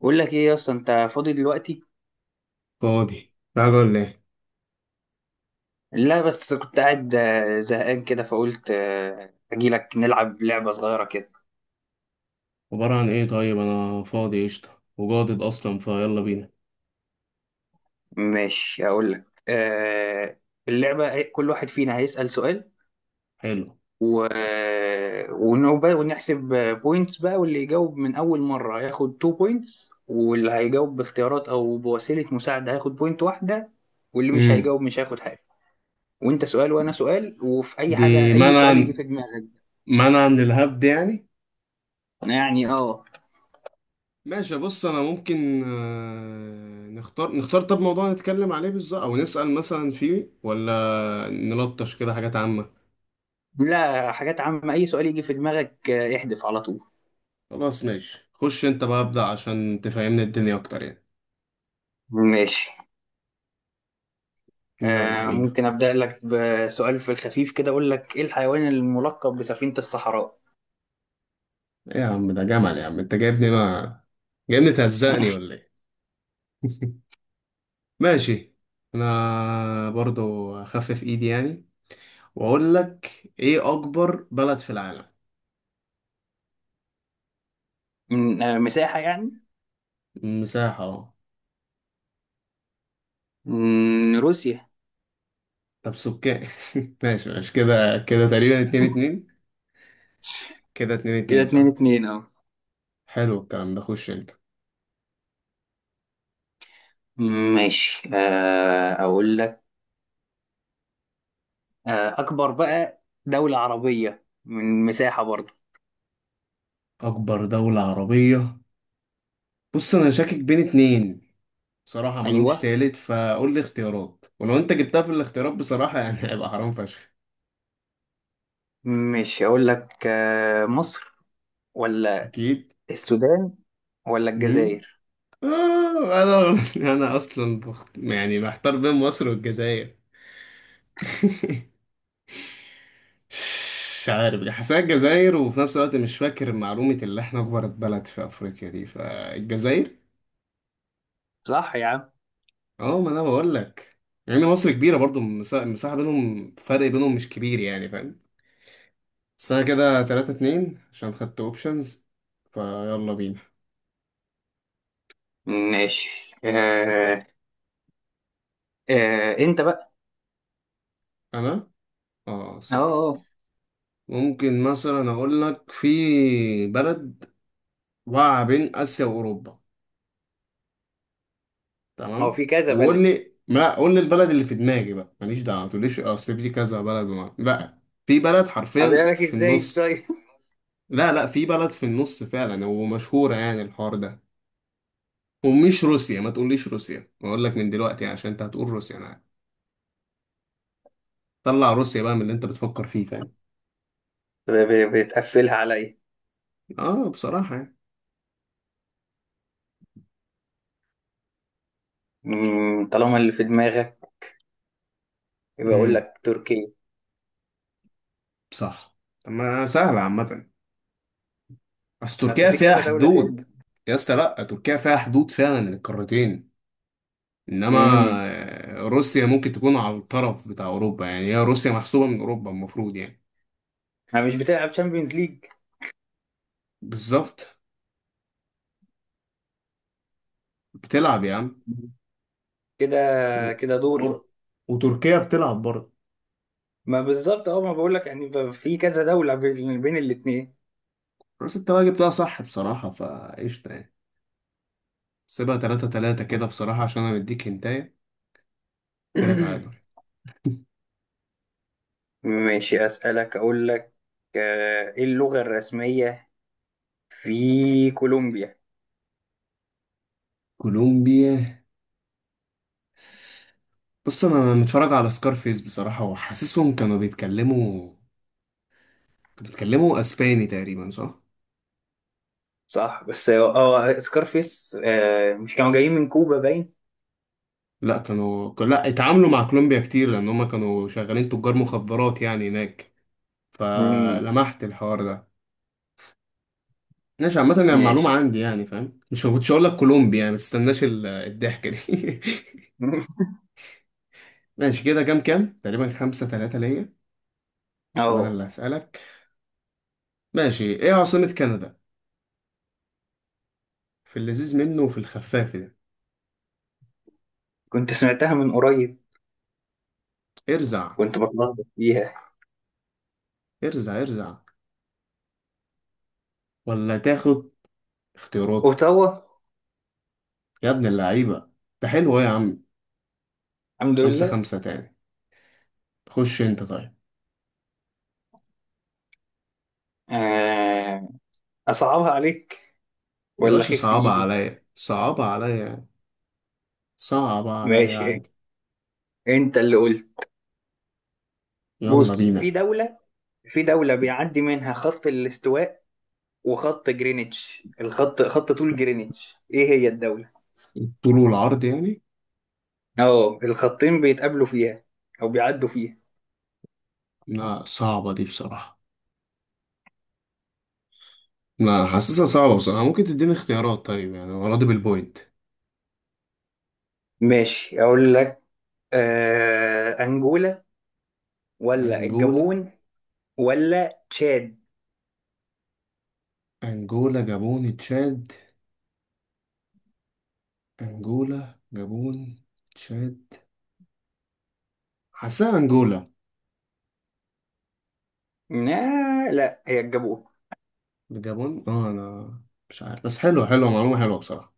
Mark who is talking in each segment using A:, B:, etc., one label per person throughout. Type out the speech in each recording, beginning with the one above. A: بقول لك ايه يا اسطى، انت فاضي دلوقتي؟
B: فاضي، تعالى ولا ايه؟
A: لا، بس كنت قاعد زهقان كده فقلت اجيلك نلعب لعبة صغيرة كده.
B: عبارة عن ايه؟ طيب، انا فاضي قشطة وجادد اصلا، فيلا بينا.
A: ماشي، اقول لك اللعبة كل واحد فينا هيسأل سؤال
B: حلو.
A: و... ونحسب بوينتس بقى، واللي يجاوب من اول مرة هياخد 2 بوينتس، واللي هيجاوب باختيارات او بوسيلة مساعدة هياخد بوينت واحدة. واللي مش
B: امم.
A: هيجاوب مش هياخد حاجة. وانت سؤال وانا سؤال، وفي اي حاجة،
B: دي
A: اي
B: منع،
A: سؤال يجي في دماغك.
B: منع من الهبد يعني.
A: يعني اه.
B: ماشي، بص، انا ممكن نختار طب موضوع نتكلم عليه بالظبط، او نسأل مثلا فيه، ولا نلطش كده حاجات عامة.
A: لا، حاجات عامة، أي سؤال يجي في دماغك احذف على طول.
B: خلاص ماشي، خش انت بقى ابدأ عشان تفهمني الدنيا اكتر يعني.
A: ماشي.
B: يلا
A: آه،
B: بينا.
A: ممكن أبدأ لك بسؤال في الخفيف كده، أقول لك إيه الحيوان الملقب بسفينة الصحراء؟
B: ايه يا عم؟ ده جمل يا عم، انت جايبني ما جايبني تهزقني ولا ايه؟ ماشي. انا برضو اخفف ايدي يعني، واقول لك ايه اكبر بلد في العالم.
A: من مساحة يعني؟
B: مساحة؟ اه.
A: من روسيا.
B: طب سكان. ماشي ماشي، كده كده تقريبا 2-2. كده اتنين
A: كده
B: اتنين
A: اتنين
B: صح.
A: اتنين أهو.
B: حلو الكلام ده، خش انت.
A: ماشي، آه أقول لك أكبر بقى دولة عربية من مساحة برضه.
B: اكبر دولة عربية. بص انا شاكك بين اتنين بصراحة، ما لهمش
A: أيوه.
B: تالت، فقول لي اختيارات، ولو انت جبتها في الاختيارات بصراحة يعني هيبقى حرام فشخ.
A: ماشي، أقول لك مصر ولا
B: اكيد.
A: السودان ولا
B: امم.
A: الجزائر؟
B: آه انا انا اصلا يعني محتار بين مصر والجزائر. مش عارف، حاسسها الجزائر، وفي نفس الوقت مش فاكر معلومة اللي احنا أكبر بلد في أفريقيا دي، فالجزائر.
A: صح يا عم.
B: اه، ما أنا بقول لك يعني مصر كبيرة برضو. المساحة بينهم، فرق بينهم مش كبير يعني، فاهم؟ بس أنا كده 3-2 عشان خدت أوبشنز. فيلا بينا.
A: ماشي. آه. آه، انت بقى.
B: أنا، اه
A: اه
B: سوري،
A: اه.
B: ممكن مثلا أقول لك في بلد واقعة بين آسيا وأوروبا،
A: هو
B: تمام؟
A: في كذا
B: وقول
A: بلد.
B: لي، لا قول لي البلد اللي في دماغي بقى، ماليش دعوه ما تقوليش اصل في كذا بلد لا، في بلد حرفيا
A: أقول لك
B: في
A: ازاي
B: النص.
A: ازاي؟
B: لا لا، في بلد في النص فعلا ومشهوره يعني الحوار ده. ومش روسيا، ما تقوليش روسيا، بقول لك من دلوقتي عشان انت هتقول روسيا، انا عارف. طلع روسيا بقى من اللي انت بتفكر فيه، فاهم؟
A: بتقفلها عليا.
B: اه بصراحه يعني.
A: طالما اللي في دماغك يبقى اقول
B: امم.
A: لك تركيا.
B: صح. طب ما سهله عامه، بس
A: بس
B: تركيا
A: في
B: فيها
A: كذا دولة
B: حدود.
A: تاني.
B: يا اسطى لا، تركيا فيها حدود فعلا للقارتين،
A: امم.
B: انما روسيا ممكن تكون على الطرف بتاع اوروبا يعني، هي روسيا محسوبة من اوروبا المفروض يعني.
A: انا مش بتلعب تشامبيونز ليج.
B: بالظبط. بتلعب يا عم.
A: كده.
B: و...
A: كده دوري.
B: و... وتركيا بتلعب برضه.
A: ما بالظبط اه، ما بقول لك يعني، في كذا دولة بين الاتنين.
B: بس انت بقى جبتها صح بصراحة، فقشطة يعني. سيبها 3-3 كده بصراحة عشان انا مديك هنتاية. كده تعادل.
A: ماشي، أسألك، أقول لك إيه اللغة الرسمية في كولومبيا؟
B: كولومبيا. بص انا متفرج على سكارفيس بصراحة، وحاسسهم كانوا بيتكلموا اسباني تقريبا، صح؟
A: صح، بس هو سكارفيس مش كانوا جايين من كوبا باين.
B: لا، كانوا، لا اتعاملوا مع كولومبيا كتير لان هم كانوا شغالين تجار مخدرات يعني هناك،
A: مم،
B: فلمحت الحوار ده. ماشي، عامة يعني معلومة
A: ماشي.
B: عندي يعني، فاهم؟ مش كنتش هقول لك كولومبي يعني، ما تستناش الضحكة دي. ماشي، كده كام كام تقريبا 5-3 ليا. وأنا
A: اه،
B: اللي هسألك. ماشي، إيه عاصمة كندا؟ في اللذيذ منه وفي الخفاف ده.
A: كنت سمعتها من قريب،
B: ارزع،
A: كنت بتلخبط فيها.
B: ارزع، ارزع، ولا تاخد اختيارات؟
A: اوتاوا.
B: يا ابن اللعيبة، ده حلو أوي يا عم.
A: الحمد
B: خمسة
A: لله.
B: خمسة تاني. خش أنت طيب.
A: آه، اصعبها عليك
B: يا
A: ولا
B: باشا،
A: خف في
B: صعبة
A: ايدي؟
B: عليا، صعبة عليا، صعبة عليا
A: ماشي،
B: عادي.
A: انت اللي قلت.
B: يلا
A: بص، في
B: بينا.
A: دولة، في دولة بيعدي منها خط الاستواء وخط جرينتش، الخط خط طول جرينتش، ايه هي الدولة؟
B: الطول والعرض يعني.
A: اه، الخطين بيتقابلوا فيها او بيعدوا فيها.
B: لا صعبة دي بصراحة، لا حاسسها صعبة بصراحة، ممكن تديني اختيارات طيب يعني، أنا راضي بالبوينت.
A: ماشي، اقول لك أنجولا ولا
B: أنجولا.
A: الجابون ولا تشاد؟
B: أنجولا جابون تشاد. أنجولا جابون، تشاد. حاسسها أنجولا.
A: لا لا، هي الجابون.
B: جابون، اه. أنا مش عارف، بس حلوة، حلوة معلومة، حلوة بصراحة.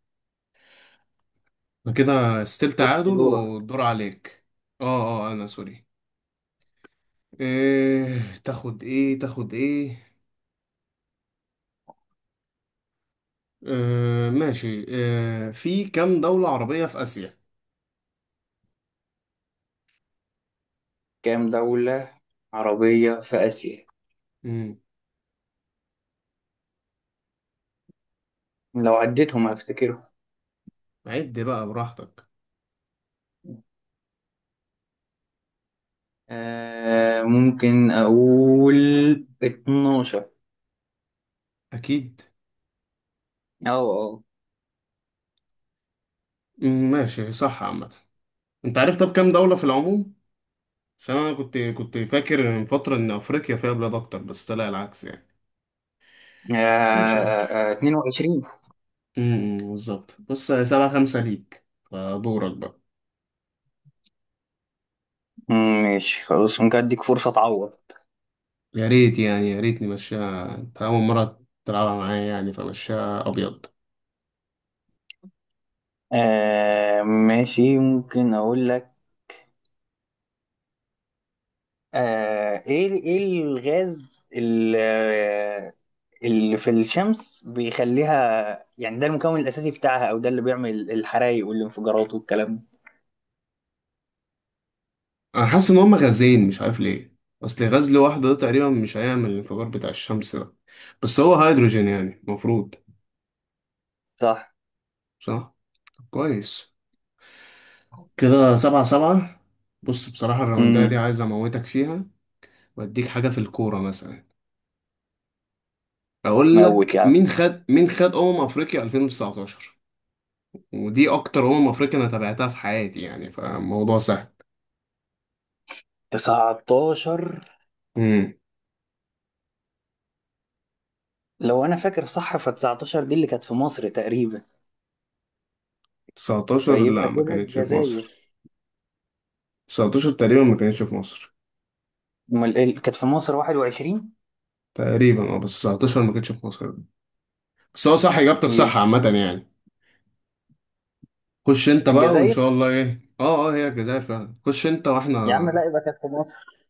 B: أنا كده ستيل
A: بص،
B: تعادل
A: دورك.
B: والدور عليك. اه اه، أنا سوري. إيه تاخد إيه؟ ماشي، في كام دولة عربية في آسيا؟
A: كام دولة عربية في آسيا؟
B: مم.
A: لو عديتهم هفتكرهم.
B: عد بقى براحتك.
A: آه، ممكن أقول 12.
B: اكيد.
A: أه أه.
B: ماشي صح عامه. انت عارف طب كام دوله في العموم؟ عشان انا كنت فاكر من فتره ان افريقيا فيها بلاد اكتر، بس طلع العكس يعني. ماشي قشطة.
A: 22.
B: بالظبط، بص 7-5 ليك، فدورك بقى.
A: ماشي خلاص، ممكن أديك فرصة تعوض.
B: يا ريت يعني، يا ريت نمشيها، انت اول مره تلعبها معايا يعني، فمشيها ابيض.
A: آه ماشي، ممكن أقول لك إيه الغاز اللي في الشمس بيخليها يعني، ده المكون الأساسي بتاعها، أو ده اللي بيعمل الحرايق والانفجارات والكلام ده.
B: انا حاسس ان هما غازين، مش عارف ليه، اصل غاز لوحده ده تقريبا مش هيعمل الانفجار بتاع الشمس ده، بس هو هيدروجين يعني المفروض.
A: صح.
B: صح. طب كويس، كده 7-7. بص بصراحة الراوندة دي
A: امم.
B: عايز أموتك فيها، وأديك حاجة في الكورة مثلا. أقول
A: موت يا
B: لك
A: عم.
B: مين خد أمم أفريقيا 2019. ودي أكتر أمم أفريقيا أنا تابعتها في حياتي يعني، فالموضوع سهل.
A: 19.
B: امم.
A: لو أنا فاكر صح ف 19 دي اللي كانت في مصر تقريبا.
B: 19
A: فيبقى
B: لا، ما
A: كده
B: كانتش في مصر.
A: الجزائر.
B: 19 تقريبا ما كانتش في مصر.
A: أمال إيه اللي كانت في مصر، 21؟
B: تقريبا اه، بس 19 ما كانتش في مصر. بس هو صح إجابتك،
A: يبقى
B: صح عامة يعني. خش أنت بقى، وإن
A: الجزائر.
B: شاء الله إيه، اه اه، هي الجزائر فعلا، خش أنت وإحنا.
A: يا عم لا، يبقى كانت في مصر.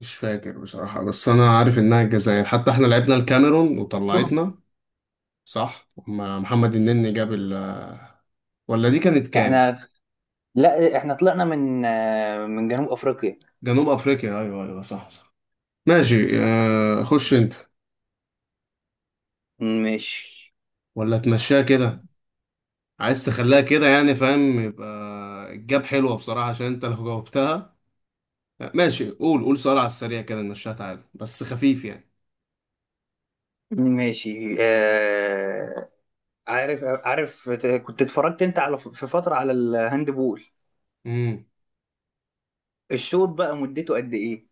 B: مش فاكر بصراحة، بس أنا عارف إنها الجزائر، حتى إحنا لعبنا الكاميرون وطلعتنا. صح، محمد النني جاب ال آه، ولا دي كانت كام؟
A: احنا، لا احنا طلعنا من من جنوب افريقيا.
B: جنوب أفريقيا، أيوه أيوه، صح صح. ماشي خش أنت.
A: ماشي.
B: ولا تمشيها كده؟ عايز تخليها كده يعني، فاهم؟ يبقى الجاب حلوة بصراحة، عشان أنت لو جاوبتها. ماشي، قول قول سؤال على السريع كده نمشيها، تعالى بس خفيف يعني.
A: ماشي، آه، عارف عارف، كنت اتفرجت انت على، في فترة، على الهاند بول.
B: امم.
A: الشوط بقى مدته قد ايه؟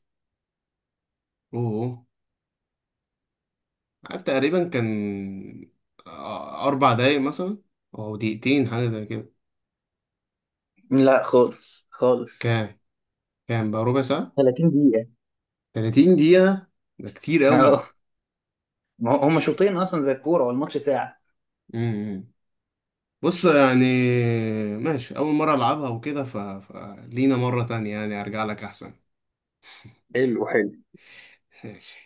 B: أوه. عارف، تقريبا كان 4 دقايق مثلا، أو دقيقتين حاجة زي كده.
A: لا خالص خالص.
B: كام؟ كام بقى، ربع ساعة؟
A: 30 دقيقة.
B: 30 دقيقة. ده كتير قوي.
A: اه، ما هما شوطين اصلا زي الكورة والماتش ساعة.
B: إمم. بص يعني، ماشي، أول مرة ألعبها وكده فلينا مرة تانية يعني، أرجع لك أحسن.
A: حلو حلو.
B: ماشي.